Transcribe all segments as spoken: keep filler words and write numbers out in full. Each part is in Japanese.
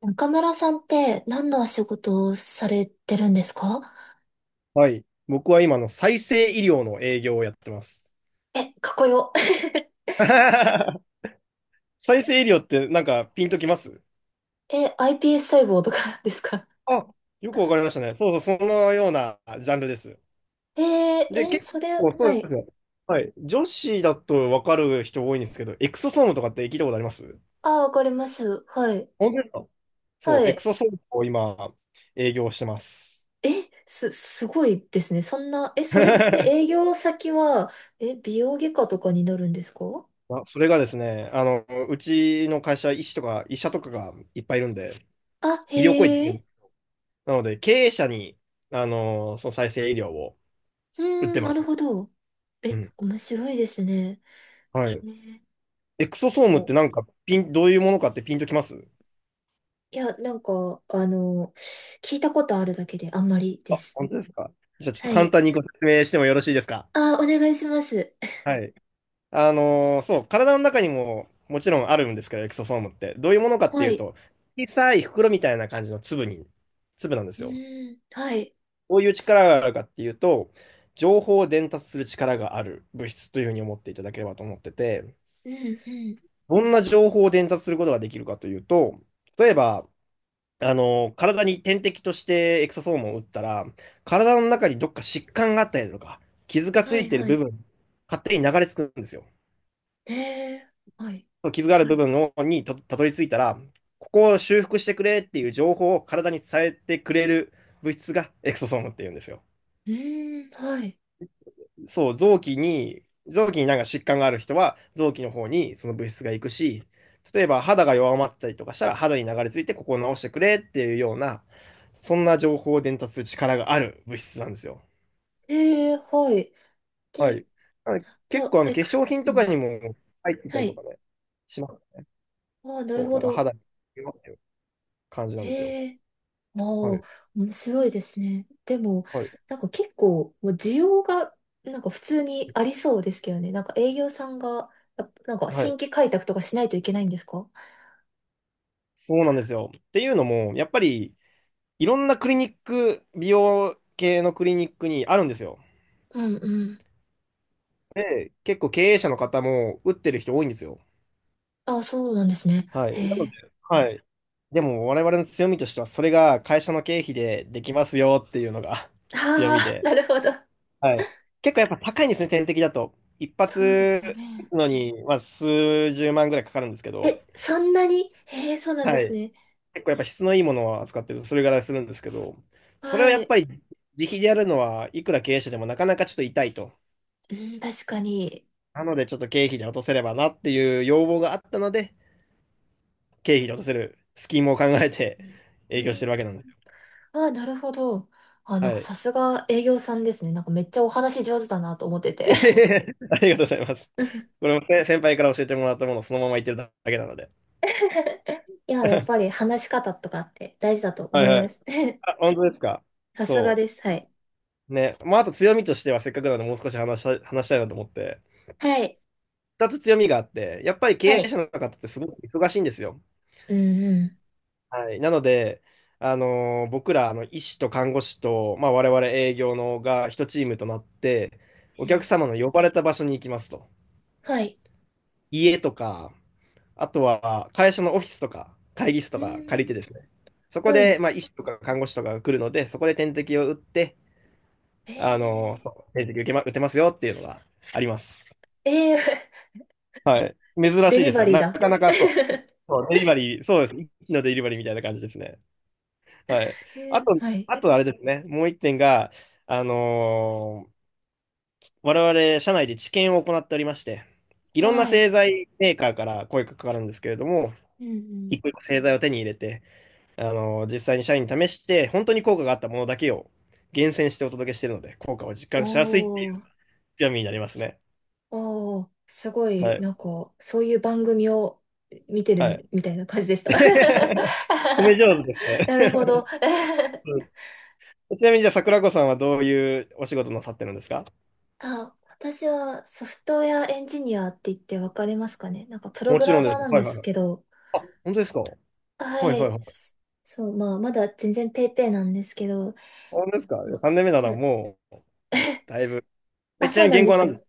中村さんって何のお仕事をされてるんですか？はい。僕は今の再生医療の営業をやってます。え、かっこよ。再生医療ってなんかピンときます？え、iPS 細胞とかですか？あ、よくわかりましたね。そうそう、そのようなジャンルです。えー、で、え、結それ、構そうはなんでい。すよ。はい。女子だとわかる人多いんですけど、エクソソームとかって聞いたことあります？ああ、わかります。はい。本当ですか？そう、はエクい。ソソームを今営業してます。え、す、すごいですね。そんな、え、それって営 業先は、え、美容外科とかになるんですか？あ、それがですね、あの、うちの会社、医師とか医者とかがいっぱいいるんで、あ、へ医療行為え。なので、経営者に、あのーその再生医療をう売っーてん、まなす。るほど。うえ、ん。面白いですね。はい。ね。エクソでソームっても、なんか、ピン、どういうものかってピンときます？いや、なんか、あの、聞いたことあるだけであんまりであ、す。本当ですか。じゃあちょっとは簡い。単にご説明してもよろしいですか。あ、お願いします。はい。あのーそう、体の中にももちろんあるんですけど、エクソソームって。どういうものかってはいうい。と、小さい袋みたいな感じの粒に、粒なんでうすよ。ーん、はい。どういう力があるかっていうと、情報を伝達する力がある物質というふうに思っていただければと思ってて、うん、うん。どんな情報を伝達することができるかというと、例えば、あの、体に点滴としてエクソソームを打ったら、体の中にどっか疾患があったりとか、傷がつはいい、ているは部い。分、勝手に流れ着くんですよ。ええ、はい。その傷がある部分にとたどり着いたら、ここを修復してくれっていう情報を体に伝えてくれる物質がエクソソームっていうんですよ。うーん、はい。そう、臓器に、臓器になんか疾患がある人は、臓器の方にその物質が行くし、例えば肌が弱まってたりとかしたら、肌に流れ着いてここを直してくれっていうような、そんな情報を伝達する力がある物質なんですよ。ええ、はい。はで、い。なのでじゃ結あ、構あのえ化粧く、品うとかん。にも入ってたはりとい。かね、しますね。ああ、なるそう、ほだからど。肌に弱いっていう感じなんですよ。ええ、ああ、はい。面白いですね。でも、はい。なんか結構、もう需要が、なんか普通にありそうですけどね。なんか営業さんが、やっぱなんかは新い。規開拓とかしないといけないんですか？そうなんですよ。っていうのも、やっぱりいろんなクリニック、美容系のクリニックにあるんですよ。うん、うん。で、結構経営者の方も打ってる人多いんですよ。ああ、そうなんですね。はい。なえのえ。で、はい。でも我々の強みとしては、それが会社の経費でできますよっていうのが 強あみあー、で。なるほど。はい。結構やっぱ高いんですね、点滴だと。一そうで発すよ打ね。つのに、まあ、数十万ぐらいかかるんですけど、え、そんなにへえ、そうなんではすい。ね。結構やっぱ質のいいものを扱ってると、それぐらいするんですけど、それをはやっぱい。り自費でやるのは、いくら経営者でもなかなかちょっと痛いと。うん、確かに。なので、ちょっと経費で落とせればなっていう要望があったので、経費に落とせるスキームを考えてう営業してるん、わけなんですよ。あ、なるほど。あ、なんはかい。さすが営業さんですね。なんかめっちゃお話上手だなと思って て。ありがとうございます。これもね先輩から教えてもらったものをそのまま言ってるだけなので。いや、やっぱ はり話し方とかって大事だとい思いはまい。す。あ、本当ですか。さすがそです。はい。う。ね。まあ、あと強みとしてはせっかくなのでもう少し話したい、話したいなと思って。はい。二つ強みがあって、やっぱりは経営い。者の方ってすごく忙しいんですよ。うんうん。はい。なので、あのー僕ら、あの、医師と看護師と、まあ、我々営業のが一チームとなって、えお客ー様の呼ばれた場所に行きますと。はい。家とか、あとは会社のオフィスとか会議室とうか借りてん。ですね、そこはでい。まあ医師とか看護師とかが来るので、そこで点滴を打って、あの、えそう点滴受けま、打てますよっていうのがあります。ー、えー、はい。珍デしいリですバよね。リーなだ。かな かそう、えそうデリバリー、そうです。一師のデリバリーみたいな感じですね。はい。あー、と、はい。あとあれですね、もう一点が、あのー我々社内で治験を行っておりまして、いろんなはい。製剤メーカーから声がかかるんですけれども、うんうん。一個一個製剤を手に入れて、あの、実際に社員に試して、本当に効果があったものだけを厳選してお届けしているので、効果を実感しやすいっていおうー、強みになりますね。おー、すごはい、い。なんか、そういう番組を見てるはみ、い。みたいな感じでした。褒め上手ですなるね。ほど。うん、ちなみにじゃあ桜子さんはどういうお仕事なさってるんですか？あ、私はソフトウェアエンジニアって言ってわかりますかね？なんかプロもグちろラんでマーす。なんはでいはいすはい。けど、あ、本当ですか？はいははいい。はい。そう、まあ、まだ全然ペーペーなんですけど、本当ですか？ ま さん 年目ならなもう、だいぶ。あ、え、ちなそうみになん言で語はす何でよ。す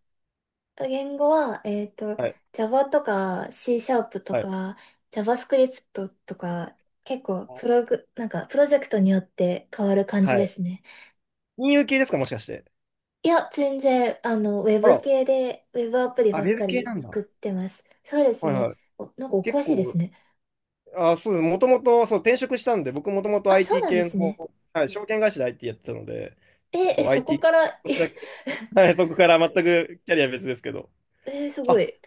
言語は、えっと、か？はい Java とか C シャープとはい。か JavaScript とか結構プログ、なんかプロジェクトによって変わる感はじでい。すね。金融系ですか、もしかして。いや、全然、あの、ウェあブら、系でウェブアプリあ、ウばっェブか系りなんだ。作ってます。そうですはいはね。い。お、なんかお結詳しいです構、ね。あ、そうです。もともと、そう、転職したんで、僕もともと あ、そう アイティー なんで系すの、ね。はい、証券会社で アイティー やってたので、え、え、そう、そこ アイティー、から、こっえ、ちだけ、はい、そこから全くキャリア別ですけど。えすごあ、い。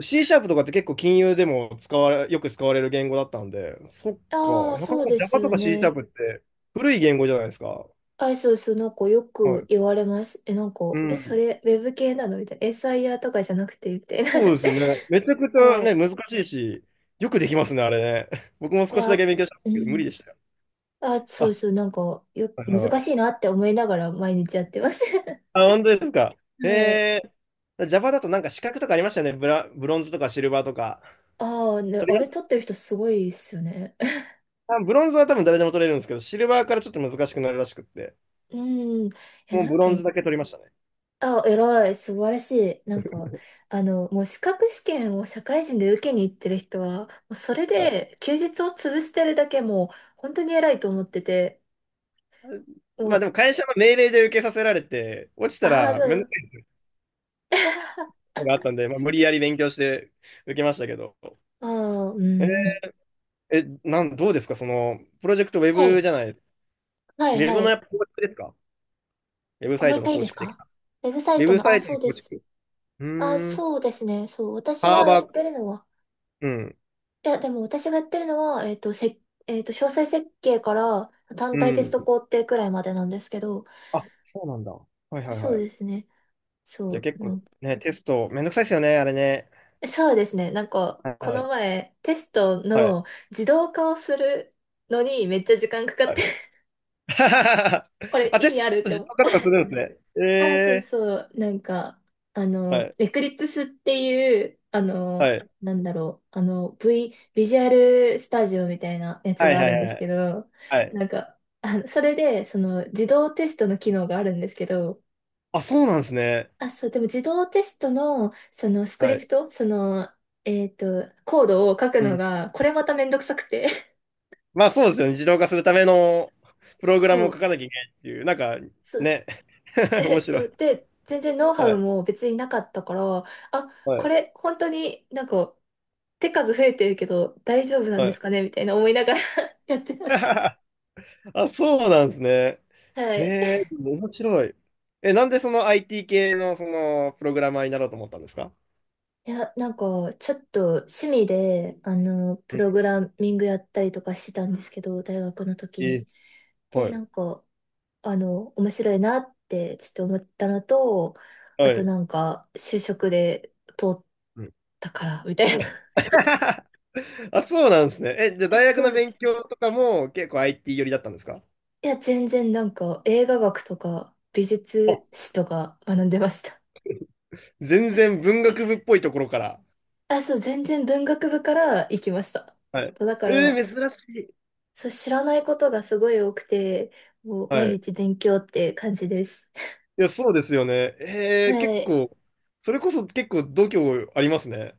C シャープとかって結構金融でも使われ、よく使われる言語だったんで、そっあか、あ、なかそなうか です Java とよか C シャーね。プって古い言語じゃないですか。あ、そうそう、なんかよはくい。言われます。え、なんか、うえ、そん。れ、ウェブ系なのみたいな。エスアイヤー とかじゃなくて、みたいそうですね。な。めちゃくちゃはね、い。難しいし、よくできますね、あれね。僕もい少しや、だけ勉強したんでうすけど、無理ん。でしたよ。あ、そうあ、そう、なんか、よ、はいはいは難しい。いなって思いながら毎日やってます。あ、本当ですか。へはい。えー、ジャパだとなんか資格とかありましたよね。ブラ、ブロンズとかシルバーとか。ああ、ね、取ありれまし撮ってる人すごいっすよね。た？あ、ブロンズは多分誰でも取れるんですけど、シルバーからちょっと難しくなるらしくって、うん。いや、もうなんブロか、ンズだけ取りましたね。あ、偉い、素晴らしい。なんか、あの、もう資格試験を社会人で受けに行ってる人は、もうそれはい、で休日を潰してるだけもう、本当に偉いと思ってて、もまあでう、も会社の命令で受けさせられて、落ちたああ、らそ面倒う。なのがあったんで、まあ、無理やり勉強して受けましたけど。ああ、うえん。え、なん、どうですかその、プロジェクトウェはブい。じゃない、ウはい、ェはブのい。やっぱ構築ですか？ウェブあサもイうト一の回いい構です築的か？な。ウェブサウイェトブの、サあ、イトそのうで構す。築。うあ、ーん、そうですね。そう。私ハーはやバっー、てるのは、うん、いや、でも私がやってるのは、えっと、せ、えっと、詳細設計から単う体テスん。ト工程くらいまでなんですけど、あ、そうなんだ。はいあ、はいそうはい。ですね。じそゃあう。結あ構の、ね、テストめんどくさいですよね、あれね。そうですね。なんか、はこのい。前、テストはい。の自動化をするのにめっちゃ時間かかっはい。 て こ れあ、意テ味あスるっトて自思う？動化とかするんですね。あ、そうえそう。なんか、あー、はの、い。エクリプスっていう、あの、はい。なんだろう、あの、V、ビジュアルスタジオみたいなやつはいがあはるいんではすけい。ど、はい。なんか、あの、それで、その、自動テストの機能があるんですけど、あ、そうなんですね。あ、そう、でも自動テストの、その、スクはリプい。ト、その、えっと、コードを書くうのん。が、これまためんどくさくて。まあそうですよね。自動化するための プログラムそを書う、かなきゃいけないっていう、なんかそう、ね、面え、白そう、い。で、全然ノウハはウい。も別になかったから、あ、はこい。れ、本当になんか、手数増えてるけど大丈夫なんはですい。かねみたいな思いながら やってました。あ、そうなんですね。はへい。え、面白い。え、なんでその アイティー 系のそのプログラマーになろうと思ったんですか？いや、なんか、ちょっと趣味で、あの、プうん。ログラミングやったりとかしてたんですけど、大学の時え、に。で、はない。んか、あの、面白いなって、ちょっと思ったのと、あはとい。なんか、就職で通っうん。 たから、みたいな。あ、そうなんですね。え、じゃあ 大学そのうで勉すね。強とかも結構 アイティー 寄りだったんですか？いや、全然なんか、映画学とか、美あ、術史とか学んでました。全然文学部っぽいところから。あ、そう、全然文学部から行きました。はい。だかえら、ー、珍しい。そう、知らないことがすごい多くて、もう毎はい。日勉強って感じです。いや、そうですよね。えー、は結い。構、それこそ結構度胸ありますね。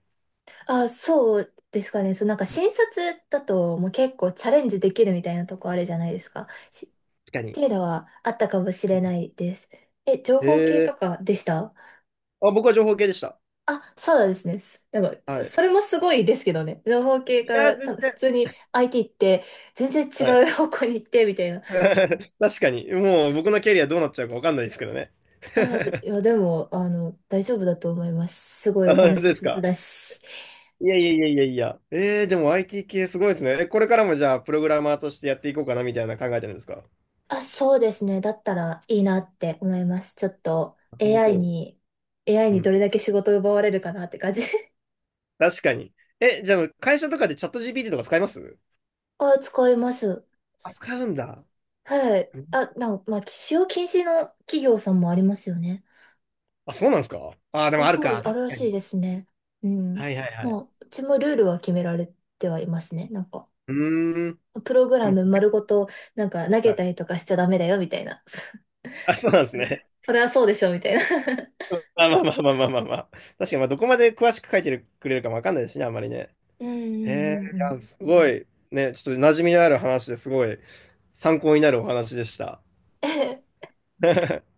あ、そうですかね。そう、なんか新卒だともう結構チャレンジできるみたいなとこあるじゃないですか。しっ確かてに。いうのはあったかもしれないです。え、情報系えとかでした？ー、あ、僕は情報系でした。あ、そうなんですね。すなんか、はい。そいれもすごいですけどね。情報系かや、らちゃん全と普然。通に アイティー って全然は違い。 う方向に行ってみたいな。確かに。もう僕のキャリアどうなっちゃうかわかんないですけどね。あ、い や、でも、あの、大丈夫だと思います。すごいあ、おそ話です上手か。だし。いやいやいやいやいや。えー、でも アイティー 系すごいですね。え、これからもじゃあ、プログラマーとしてやっていこうかなみたいな考えてるんですか？なあ、そうですね。だったらいいなって思います。ちょっと るほ エーアイ ど。に、エーアイ うにどん。れだけ仕事を奪われるかなって感じ。確かに。え、じゃあ、会社とかでチャット ジーピーティー とか使います？あ、使います。あ、使うんだ。はい。うん。あ、なんか、まあ、使用禁止の企業さんもありますよね。あ、そうなんですか？あー、でもあ、あるそう、か。あ確るらかしいに。ですね。うん。はいはいはまい。あ、うちもルールは決められてはいますね。なんか、うーん。プログでラも、ム丸ごと、なんか投はげたい。りとかしちゃダメだよ、みたいな。あ、そうなんですそれはね。それはそうでしょ、みたいな。まあまあまあまあまあまあまあ。確かに、まあ、どこまで詳しく書いてくれるかもわかんないですしね、あんまりね。うんへうえ、んうんうん。いや、すごい、ね、ちょっと馴染みのある話ですごい参考になるお話でした。